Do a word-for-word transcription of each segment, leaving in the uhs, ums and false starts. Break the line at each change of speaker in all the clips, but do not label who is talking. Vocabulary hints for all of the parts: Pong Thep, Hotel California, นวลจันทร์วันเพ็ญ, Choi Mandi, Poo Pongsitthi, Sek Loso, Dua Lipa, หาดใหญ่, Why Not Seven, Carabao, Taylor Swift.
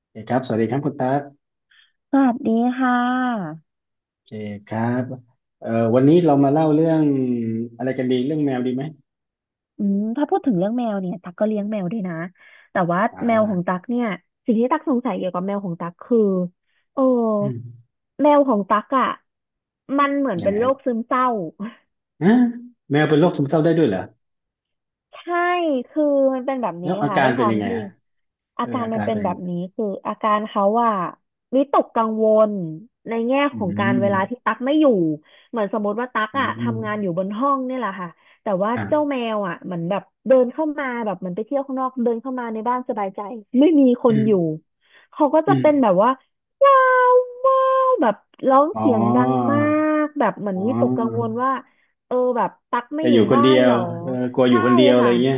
โอเคครับสวัสดีครับคุณตั๊ก
สวัสดีค่ะ
โอเคครับเอ่อวันนี้เรามาเล่าเรื่องอะไรกันดีเรื่องแมวดีไหม
อืมถ้าพูดถึงเรื่องแมวเนี่ย ตักก็เลี้ยงแมวด้วยนะ แต่ว่า
อ่
แมวของ
า
ตักเนี่ย สิ่งที่ตักสงสัยเกี่ยวกับแมวของตักคือโอ้
อืม
แมวของตักอ่ะมันเหมือน
ยัง
เป็น
ไง
โร
ฮะ
คซึมเศร้า
อะแมวเป็นโรคซึมเศร้าได้ด้วยเหรอ
ใช่คือมันเป็นแบบ
แล้
นี้
วอา
ค่ะ
กา
ด้ว
ร
ยค
เป็น
วา
ยั
ม
งไง
ที่
ฮะ
อา
เออ
การ
อา
มั
กา
น
ร
เป็น
เป็นยั
แบ
ง
บ
ไง
นี้คืออาการเขาว่าวิตกกังวลในแง่
อื
ของการเวลาที่
ม
ตั๊กไม่อยู่เหมือนสมมติว่าตั๊ก
อื
อะทำงานอยู่
ม
บนห้องนี่แหละค่ะแต่ว่าเจ้า
อ่า
แมวอะเหมือนแบบเดินเข้ามาแบบเหมือนไปเที่ยวข้างนอกเดินเข้ามาในบ้านสบายใจไม่มีคน
อื
อยู่
ม
เขาก็
อื
จะเป็นแบ
ม
บว่าว้าวว้าวแบบร้อง
อ๋อ
เสียงดังมากแบบเหมือน
อ๋
วิตกกังวล
อ
ว่าเออแบบตั๊กไม่
แต่
อ
อ
ยู่
ยู่คน
บ้า
เดี
น
ย
ห
ว
รอ
เออกลัวอยู่
ใช่
คนเดียวอะไร
ค่ะ
เงี้ย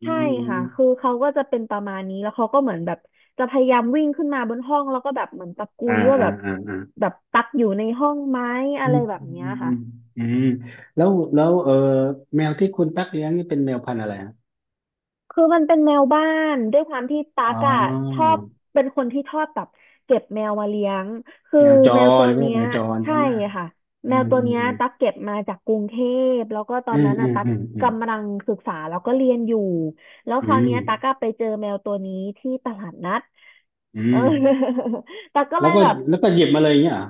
อื
ใช่
มอืม
ค่ะคือเขาก็จะเป็นประมาณนี้แล้วเขาก็เหมือนแบบจะพยายามวิ่งขึ้นมาบนห้องแล้วก็แบบเหมือนตะกุ
อ่า
ยว่า
อ่า
แบบ
อ่าอ่า
แบบตักอยู่ในห้องไหม
อื
อะไร
ม
แบบ
อื
เนี้ย
มอื
ค่ะ
มอืมแล้วแล้วเออแมวที่คุณตักเลี้ยงนี่เป็นแมวพันธุ์อะไรฮะ
คือมันเป็นแมวบ้านด้วยความที่ตั๊
อ๋อ
กอะชอบเป็นคนที่ชอบแบบเก็บแมวมาเลี้ยงคือ
แมวจ
แมวตั
ร
ว
พวก
เนี้
ว่าแม
ย
วจร
ใช่
ใช่ไหม
ค่ะ
อื
แมวตัวเนี้ย
ม
ตั๊กเก็บมาจากกรุงเทพแล้วก็ตอ
อื
น
ม
นั้น
อื
อะ
ม
ตั๊ก
อืมอืม
กำลังศึกษาแล้วก็เรียนอยู่แล้ว
อื
คราว
ม
เนี้ยตั๊กก็ไปเจอแมวตัวนี้ที่ตลาดนัด
อื
เออ
มอืม
ตักก็เล
แล้ว
ย
ก็
แบบ
แล้วก็หยิบมาเลยอย่างเงี้ยเหรอ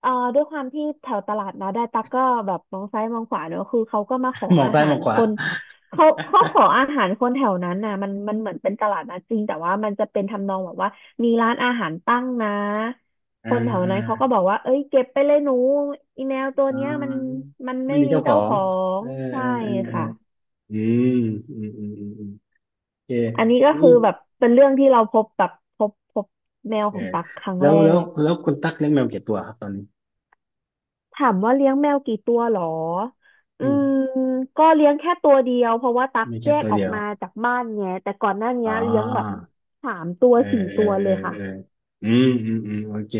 เอ่อด้วยความที่แถวตลาดนะได้ตักก็แบบมองซ้ายมองขวาเนอะคือเขาก็มาขอ
หมอง
อา
ซ้าย
หา
หมอ
ร
งข
ค
วา
นเขาเขาขออาหารคนแถวนั้นน่ะมันมันเหมือนเป็นตลาดนะจริงแต่ว่ามันจะเป็นทำนองแบบว่ามีร้านอาหารตั้งนะ
อ่า
คนแถว
อ่า
นั้นเขาก็บอกว่าเอ้ยเก็บไปเลยหนูอีแมวตัว
อ่
เนี้ยมัน
า
มัน
ไม่
ไม่
มี
มี
เจ้าขอ
เจ้าข
ง
อง
เออเอ
ใช่
อเออ
ค่ะ
เอออืมอืมอืมอืมอืมโอเค
อันนี้ก็
นี่
คือแบบเป็นเรื่องที่เราพบแบบพบพบแมว
เอ
ข
อ
องตักครั้ง
แล้
แร
วแล้ว
ก
แล้วคุณตั๊กเลี้ยงแมวกี่ตัวครับตอนนี้
ถามว่าเลี้ยงแมวกี่ตัวหรอ
อื
อื
ม
มก็เลี้ยงแค่ตัวเดียวเพราะว่าตัก
มี
แย
แค่
ก
ตัว
ออก
เดียว
มาจากบ้านไงแต่ก่อนหน้า
อ๋
นี้
อ
เลี้ยงแบบสามตัว
เออ
สี่
เอ
ตั
อ
ว
เอ
เล
อ
ยค่ะ
เอออืมอืมอืมโอเค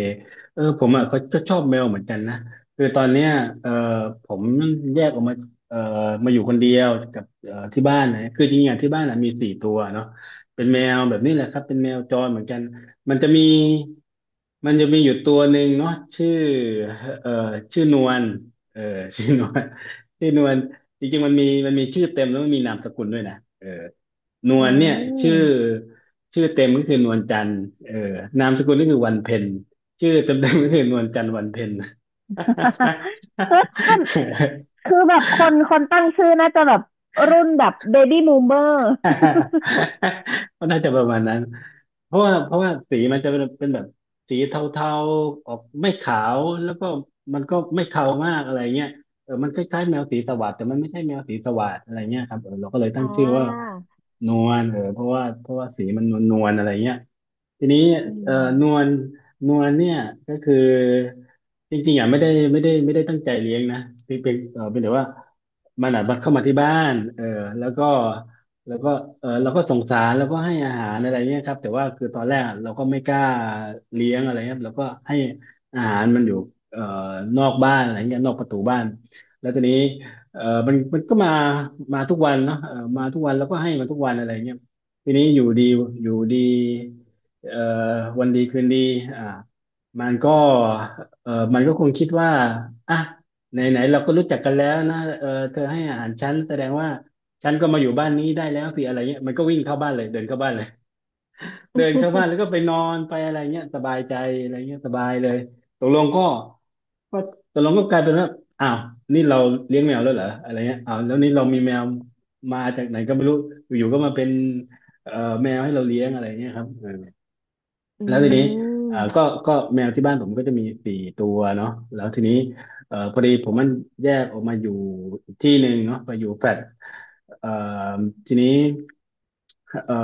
เออผมอ่ะก็ก็ชอบแมวเหมือนกันนะคือตอนเนี้ยเออผมแยกออกมาเออมาอยู่คนเดียวกับเออที่บ้านนะคือจริงๆอ่ะที่บ้านอ่ะมีสี่ตัวเนาะเป็นแมวแบบนี้แหละครับเป็นแมวจรเหมือนกันมันจะมีมันจะมีอยู่ตัวหนึ่งเนาะชื่อเออชื่อนวลเออ ชื่อนวลชื่อนวลจริงๆมันมีมันมีชื่อเต็มแล้วมันมีนามสกุลด้วยนะเออ น
อื
วลเนี่ยชื่
ม
อชื่อเต็มก็คือนวลจันทร์เออนามสกุลก็คือวันเพ็ญชื่อเต็มเต็มก็คือนวลจันทร์วันเพ็ญ
เคนคือแบบคนคนตั้งชื่อน่าจะแบบรุ่นแบบเบบี้ o ูเ e อร์
ก็น่าจะประมาณนั้นเพราะว่าเพราะว่าสีมันจะเป็นเป็นแบบสีเทาๆออกไม่ขาวแล้วก็มันก็ไม่เทามากอะไรเงี้ยเออมันคล้ายๆแมวสีสวัสดแต่มันไม่ใช่แมวสีสวัสดอะไรเงี้ยครับเออเราก็เลย ตั้
อ่า
งชื่อว่านวลเออเพราะว่าเพราะว่าสีมันนวลๆอะไรเงี้ย ทีนี้
อื
เอ่อ
ม
นวลนวลเนี่ยก็คือจริงๆอ่ะไม่ได้ไม่ได้ไม่ได้ตั้งใจเลี้ยงนะเปีนเป็นเอ่อเป็นแต่ว่ามันอ่ะมันเข้ามาที่บ้านเออแล้วก็แล้วก็เออเราก็สงสารแล้วก็ให้อาหารอะไรเงี้ยครับแต่ว่าคือตอนแรกอะเราก็ไม่กล้าเลี้ยงอะไรครับเราก็ให้อาหารมันอยู่เอ่อนอกบ้านอะไรเงี้ยนอกประตูบ้านแล้วทีนี้เออมันมันก็มามาทุกวันเนาะเออมาทุกวันแล้วก็ให้มันทุกวันอะไรเงี้ยทีนี้อยู่ดีอยู่ดี เอ่อวันดีคืนดีอ่ามันก็เอ่อมันก็คงคิดว่าอ่ะไหนไหนเราก็รู้จักกันแล้วนะเออเธอให้อาหารฉันแสดงว่าฉันก็มาอยู่บ้านนี้ได้แล้วสิอะไรเงี้ยมันก็วิ่งเข้าบ้านเลยเดินเข้าบ้านเลยเดินเข้าบ้านแล้วก็ไปนอนไปอะไรเงี้ยสบายใจอะไรเงี้ยสบายเลยตกลงก็ก็ตกลงก็กลายเป็นว่าอ้าวนี่เราเลี้ยงแมวแล้วเหรออะไรเงี้ยอ้าวแล้วนี่เรามีแมวมาจากไหนก็ไม่รู้อยู่ๆก็มาเป็นเอ่อแมวให้เราเลี้ยงอะไรเงี้ยครับ
อื
แล้วทีนี้เอ่อ
ม
ก็ก็แมวที่บ้านผมก็จะมีสี่ตัวเนาะแล้วทีนี้เอ่อพอดีผมมันแยกออกมาอยู่อีกที่หนึ่งเนาะไปอยู่แฟลตเอ่อทีนี้เอ่อ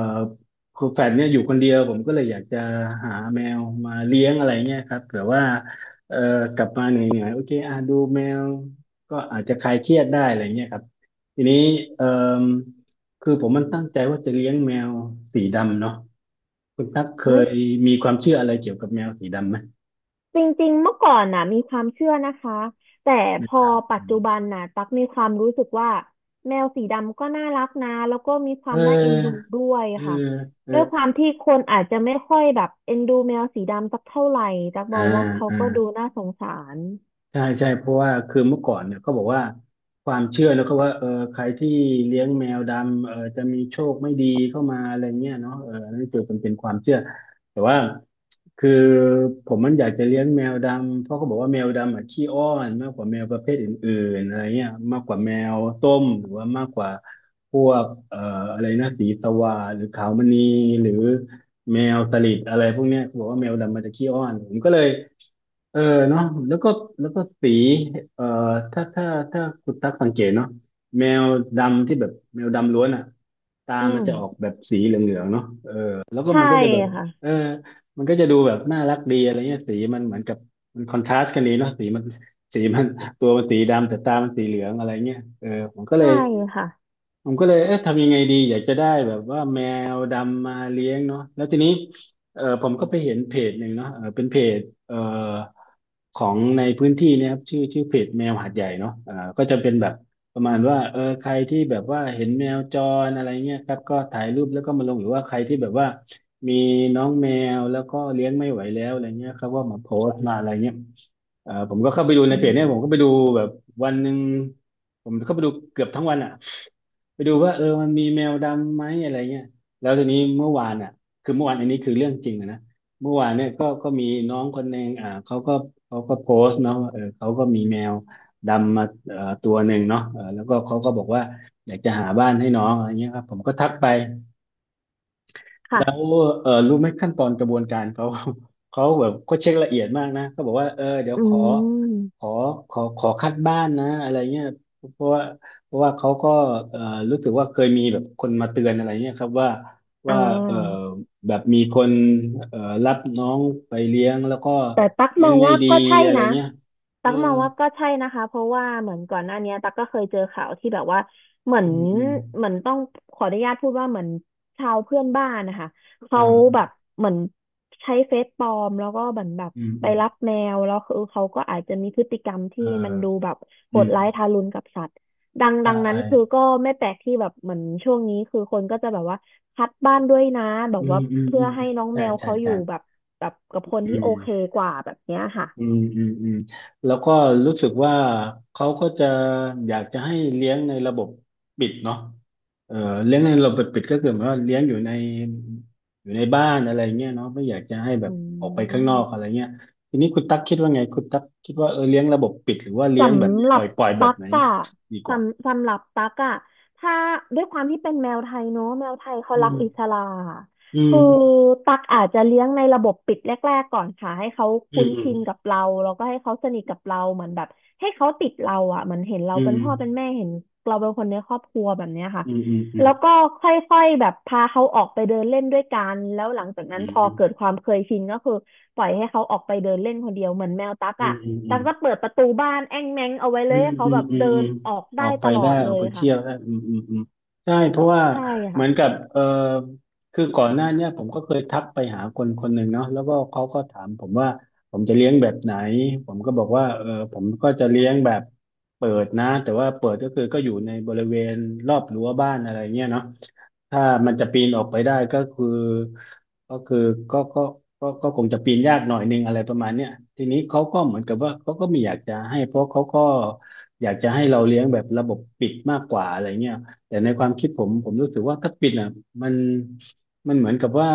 คือแฟลตเนี่ยอยู่คนเดียวผมก็เลยอยากจะหาแมวมาเลี้ยงอะไรเงี้ยครับแื่อว่าเอ่อกลับมาเหนื่อยๆโอเคอ่ะดูแมวก็อาจจะคลายเครียดได้อะไรเงี้ยครับทีนี้เอ่อคือผมมันตั้งใจว่าจะเลี้ยงแมวสีดำเนาะ คุณตั๊กเค
เอ้ย
ยมีความเชื่ออะไรเกี่ยวกับแมวสีดำไหม
จริงๆเมื่อก่อนนะมีความเชื่อนะคะแต่
แมว
พอ
ด
ปัจจุบันนะตักมีความรู้สึกว่าแมวสีดำก็น่ารักนะแล้วก็มีค
ำเ
วามน่าเอ็นดู
ออ
ด้วย
เออ
ค่ะ
เออ
ด้วยความที่คนอาจจะไม่ค่อยแบบเอ็นดูแมวสีดำสักเท่าไหร่ตักม
อ่า
องว่าเขา
อ่า
ก็ดูน่าสงสาร
ใช่ใช่เพราะว่าคือเมื่อก่อนเนี่ยเขาบอกว่าความเชื่อแล้วก็ว่าเออใครที่เลี้ยงแมวดำเออจะมีโชคไม่ดีเข้ามาอะไรเงี้ยเนาะเออันนั่นคือมันเป็นความเชื่อแต่ว่าคือผมมันอยากจะเลี้ยงแมวดำเพราะเขาบอกว่าแมวดำอ่ะขี้อ้อนมากกว่าแมวประเภทอื่นๆอะไรเงี้ยมากกว่าแมวส้มหรือว่ามากกว่าพวกเอ่ออะไรนะสีสวาหรือขาวมณีหรือแมวสลิดอะไรพวกเนี้ยเขาบอกว่าแมวดำมันจะขี้อ้อนผมก็เลย เออเนาะแล้วก็แล้วก็สีเอ่อถ้าถ้าถ้าคุณตักสังเกตเนาะแมวดำที่แบบแมวดำล้วนอ่ะตา
อื
มัน
ม
จะออกแบบสีเหลืองๆเนาะเออแล้วก็
ใช่
มันก็จะแบบ
ค่ะ
เออมันก็จะดูแบบน่ารักดีอะไรเงี้ยสีมันเหมือนกับมันคอนทราสต์กันดีเนาะสีมันสีมันตัวมันสีดำแต่ตามันสีเหลืองอะไรเงี้ยเออผมก็เล
ใช่
ย
ค่ะ
ผมก็เลยเอ๊ะทำยังไงดีอยากจะได้แบบว่าแมวดำมาเลี้ยงเนาะแล้วทีนี้เออผมก็ไปเห็นเพจหนึ่งเนาะเออเป็นเพจเออ ของในพื้นที่เนะครับชื่อชื่อเพจแมวหาดใหญ่เนาะอ่าก็จะเป็นแบบประมาณว่าเออใครที่แบบว่าเห็นแมวจรอะไรเงี้ยครับก็ถ่ายรูปแล้วก็มาลงหรือว่าใครที่แบบว่ามีน้องแมวแล้วก็เลี้ยงไม่ไหวแล้วอะไรเงี้ยครับว่ามาโพสต์มาอะไรเงี้ยเอ่อผมก็เข้าไปดูใน
อื
เพจเนี่ยผมก็
ม
ไปดูแบบวันหนึ่งผมเข้าไปดูเกือบทั้งวันอ่ะ ไปดูว่าเออมันมีแมวดำไหมอะไรเงี้ยแล้วทีนี้เมื่อวานอ่ะคือเมื่อวานอันนี้คือเรื่องจริงนะนะเมื่อวานเนี่ยก็ก็มีน้องคนหนึ่งอ่าเขาก็เขาก็โพสต์เนาะว่าเออเขาก็มีแมวดำมาเอ่อตัวหนึ่งเนาะเออแล้วก็เขาก็บอกว่าอยากจะหาบ้านให้น้องอะไรเงี้ยครับผมก็ทักไป แล้ว
ค่ะ
เออรู้ไหมขั้นตอนกระบวนการเขา เขาแบบเขาเช็คละเอียดมากนะเขาบอกว่าเออเดี๋ยว
อื
ขอขอ
ม
ขอขอคัดบ้านนะอะไรเงี้ยเพราะว่าเพราะว่าเขาก็เออรู้สึกว่าเคยมีแบบคนมาเตือนอะไรเงี้ยครับว่า
อ่
ว่าเออ
า
แบบมีคนเออรับน้องไปเลี้ยงแล้วก็
แต่ตัก
เลี้
ม
ย
อ
ง
ง
ไม่
ว่า
ดี
ก็ใช่
อะไร
นะ
เงี้ยเอ
ตั
อ
กมองว่าก็ใช่นะคะเพราะว่าเหมือนก่อนหน้าเนี้ยตักก็เคยเจอข่าวที่แบบว่าเหมือน
อืมอืม
เหมือนต้องขออนุญาตพูดว่าเหมือนชาวเพื่อนบ้านนะคะเขาแบ
อ่า
บเหมือนใช้เฟซปลอมแล้วก็เหมือนแบบ
อืม
ไป
อืม
รับแมวแล้วคือเขาก็อาจจะมีพฤติกรรม
เอ
ที่
อ
มันดูแบบโห
อื
ด
ม
ร้ายทารุณกับสัตว์ดัง
ใช
ดังนั้นคือ
่
ก็ไม่แปลกที่แบบเหมือนช่วงนี้คือคนก็จะแบบว่าคัดบ้านด้วยนะแบ
อื
บ
ม
ว่า
อืม
เพื่
อื
อ
ม
ให้น้อง
ใช่
แมว
ใช่
เขาอ
ใช่
ยู่แบบแบบกับคน
อื
ที่โอเค
ม
กว่าแบบเนี้ยค่ะ
อืมอืมอืมแล้วก็รู้สึกว่าเขาก็จะอยากจะให้เลี้ยงในระบบปิดเนาะเออเลี้ยงในระบบปิดก็คือหมายว่าเลี้ยงอยู่ในอยู่ในบ้านอะไรเงี้ยเนาะไม่อยากจะให้แบบ
อื
ออกไปข้างนอกอะไร
ม
เงี้ยทีนี้คุณตั๊กคิดว่าไงคุณตั๊กคิดว่าเออเลี้ยงระบบปิดหรือว่า
ส
เลี้ยงแบบ
ำห
ป
รั
ล่อ
บ
ยปล่อยแบ
ตั๊
บ
ก
ไหน
อะ
ดีกว่า
สำสำหรับตั๊กอะถ้าด้วยความที่เป็นแมวไทยเนอะแมวไทยเขา
อื
รักอิส
ม
ระ
อื
คือ
ม
ตั๊กอาจจะเลี้ยงในระบบปิดแรกๆก่อนค่ะให้เขา
อื
คุ้
ม
น
อืม
ชินกับเราแล้วก็ให้เขาสนิทกับเราเหมือนแบบให้เขาติดเราอะเหมือนเห็นเราเป็นพ่อเป็น
อ
แม่เห็นเราเป็นคนในครอบครัวแบบเนี้ยค่ะ
ืมอืมอืม
แล้วก็ค่อยๆแบบพาเขาออกไปเดินเล่นด้วยกันแล้วหลังจากนั้
อื
น
ม
พอ
อืม
เกิดความเคยชินก็คือปล่อยให้เขาออกไปเดินเล่นคนเดียวเหมือนแมวตั๊ก
อื
อ่ะ
มอืมอื
ดั
ม
กจะเปิดประตูบ้านแอ้งแม้งเอาไว้เล
อื
ย
ม
ให้เขา
อืม
แบบ
อืม
เดิ
อื
น
ม
ออก
อ
ได้
อก
ต
ไป
ลอ
ได้
ด
อ
เล
อก
ย
ไปเที่
ค่ะ
ยวได้อืมอืมอืมใช่เพราะว่า
ใช่
เห
ค่ะ
มือนกับเออคือก่อนหน้าเนี้ยผมก็เคยทักไปหาคนคนหนึ่งเนาะแล้วก็เขาก็ถามผมว่าผมจะเลี้ยงแบบไหนผมก็บอกว่าเออผมก็จะเลี้ยงแบบเปิดนะแต่ว่าเปิดก็คือก็อยู่ในบริเวณรอบรั้วบ้านอะไรเงี้ยเนาะ ถ้ามันจะปีนออกไปได้ก็คือก็คือก็ก็ก็ก็คงจะปีนยากหน่อยนึงอะไรประมาณเนี้ยทีนี้เขาก็เหมือนกับว่าเขาก็ไม่อยากจะให้เพราะเขาก็อยากจะให้เราเลี้ยงแบบระบบปิดมากกว่าอะไรเงี้ยแต่ในความคิดผมผมรู้สึกว่าถ้าปิดอ่ะมันมันเหมือนกับว่า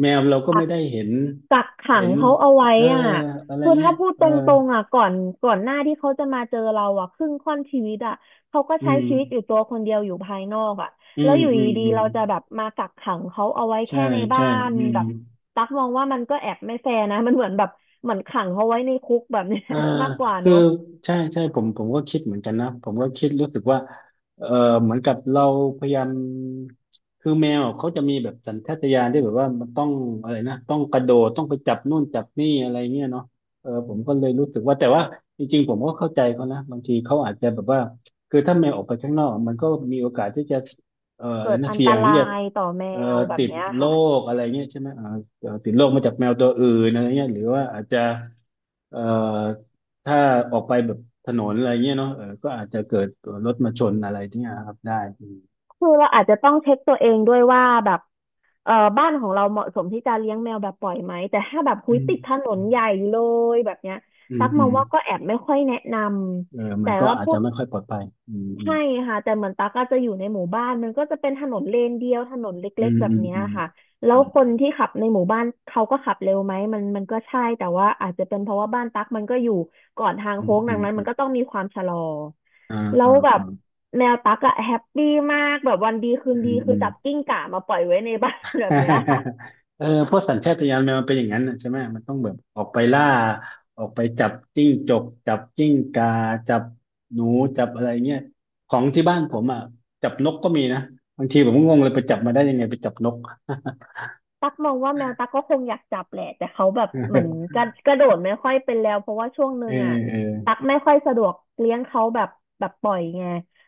แมวเราก็
กั
ไม่
ก
ได้เห็น
กักขั
เห็
ง
น
เขาเอาไว้
เออ
อ่ะ
อะไร
คือ
เงี้
ถ้า
ย
พูด
เอ
ต
อ
รงๆอ่ะก่อนก่อนหน้าที่เขาจะมาเจอเราอ่ะครึ่งค่อนชีวิตอ่ะเขาก็
อื
ใช้
ม
ชีวิตอยู่ตัวคนเดียวอยู่ภายนอกอ่ะ
อื
แล้ว
ม
อยู่
อื
ด
ม
ี
อื
ๆ
ม
เราจะแบบมากักขังเขาเอาไว้
ใช่
แค่ในบ้า
ใช่
น
อืม
แบบตักมองว่ามันก็แอบไม่แฟร์นะมันเหมือนแบบเหมือนขังเขาไว้ในคุกแบบเนี้ย
เออ
มากกว่าเน
คือ
อะ
ใช่ใช่ผมผมก็คิดเหมือนกันนะผมก็คิดรู้สึกว่าเออเหมือนกับเราพยายามคือแมวอะเขาจะมีแบบสัญชาตญาณที่แบบว่ามันต้องอะไรนะต้องกระโดดต้องไปจับนู่นจับนี่อะไรเงี้ยเนาะเออผมก็เลยรู้สึกว่าแต่ว่าจริงๆผมก็เข้าใจเขานะบางทีเขาอาจจะแบบว่าคือถ้าแมวออกไปข้างนอกมันก็มีโอกาสที่จะเอ่ออะ
เกิ
ไร
ด
นะ
อัน
เสี่
ต
ยง
รา
ที่จะ
ยต่อแม
เอ่อ
วแบบ
ติด
เนี้ย
โร
ค่ะ
คอะไรเงี้ยใช่ไหมเอ่อเอ่อติดโรคมาจากแมวตัวอื่นอะไรเงี้ยหรือว่าอาจจะเอ่อ ถ้าออกไปแบบถนนอะไรเงี้ยเนาะเออก็อาจจะเกิดรถมาชนอะไรที่เนี้ยครับได้
คือเราอาจจะต้องเช็คตัวเองด้วยว่าแบบเออบ้านของเราเหมาะสมที่จะเลี้ยงแมวแบบปล่อยไหมแต่ถ้าแบบคุ
อื
ย
ม
ติดถนนใหญ่เลยแบบเนี้ย
อืม
ตักม
อื
อ
ม
ง
อื
ว่า
ม
ก็แอบไม่ค่อยแนะน
เออ
ำ
มั
แต่
นก็
ว่า
อาจ
พู
จะ
ด
ไม่ค่อยปลอดภัยอืมอื
ใช่ค่ะแต่เหมือนตั๊กก็จะอยู่ในหมู่บ้านมันก็จะเป็นถนนเลนเดียวถนน
มอื
เล็ก
ม
ๆแบบ
อืม
เนี้ยค่ะแล้
อื
ว
ม
คนที่ขับในหมู่บ้านเขาก็ขับเร็วไหมมันมันก็ใช่แต่ว่าอาจจะเป็นเพราะว่าบ้านตั๊กมันก็อยู่ก่อนทาง
อืม
โค้ง
อื
ดัง
ม
นั้น
อื
มัน
มอ
ก็ต้
ม
องมีความชะลอ
อ่า
แล้
อ่า
วแบบ
อ่า
แมวตั๊กอะแฮปปี้มากแบบวันดีคื
อื
นดี
ม
คื
อื
อ
ม
จับกิ้งก่ามาปล่อยไว้ในบ้าน แบบเนี้ย
เออเพราะสัญชาตญาณแมวมันเป็นอย่างนั้นน่ะใช่ไหมมันต้องแบบออกไปล่าออกไปจับจิ้งจกจับจิ้งกาจับหนูจับอะไรเงี้ยของที่บ้านผมอ่ะจับนกก็มีนะบางทีผมก็งงเลยไปจับมาได้ยังไงไปจับนก
ตักมองว่าแมวตักก็คงอยากจับแหละแต่เขาแบบเหมือน กระกระโดดไม่ค่อยเป็นแล้วเพราะว่าช่วงหนึ่
เออ
งอ่ะ
เออ
ตักไม่ค่อยสะดวกเลี้ยงเขาแบบแบบปล่อยไง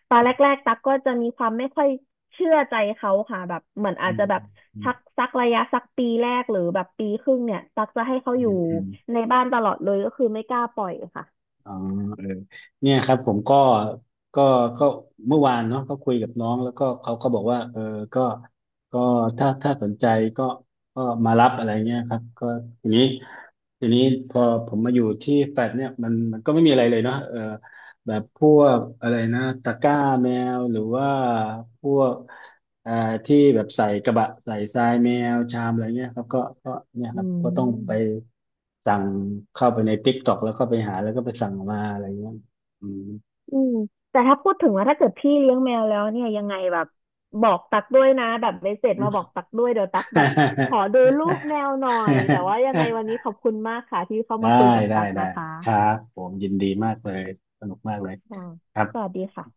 ตอนแรกๆตักก็จะมีความไม่ค่อยเชื่อใจเขาค่ะแบบเหมือนอา
อื
จจะ
ม
แบบ
อืม
สักสักระยะสักปีแรกหรือแบบปีครึ่งเนี่ยตักจะให้เขาอ
อื
ยู่
มอืม
ในบ้านตลอดเลยก็คือไม่กล้าปล่อยค่ะ
อ๋อเออเนี่ยครับผมก็ก็ก็เมื่อวานเนาะก็คุยกับน้องแล้วก็เขาก็บอกว่าเออก็ก็ถ้าถ้าสนใจก็ก็มารับอะไรเงี้ยครับก็ทีนี้ทีนี้พอผมมาอยู่ที่แฟลตเนี่ยมันมันก็ไม่มีอะไรเลยเนาะเออ แบบพวกอะไรนะตะกร้าแมวหรือว่าพวกเอ่อที่แบบใส่กระบะใส่ทรายแมวชามอะไรเงี้ยครับก็ก็เนี่ยครั
อื
บก็ต้องไป
ม
สั่งเข้าไปในติ๊กต็อกแล้วก็ไปหาแล้วก็ไปสั่งมาอะไรเงี้ยอืม
อืมแต่ถ้าพูดถึงว่าถ้าเกิดพี่เลี้ยงแมวแล้วเนี่ยยังไงแบบบอกตักด้วยนะแบบเมสเสจมาบอกตักด้วยเดี๋ยวตักแบบขอดูรูปแมวหน่อยแต่ว่ายังไงวันนี้ข อบคุณมากค่ะที่เข้า
ได้
มาคุยกับ
ได้
ตัก
ได้
นะคะ
ครับผมยินดีมากเลยสนุกมากเลย
อ่า
ครับ
สวัสดีค่ะ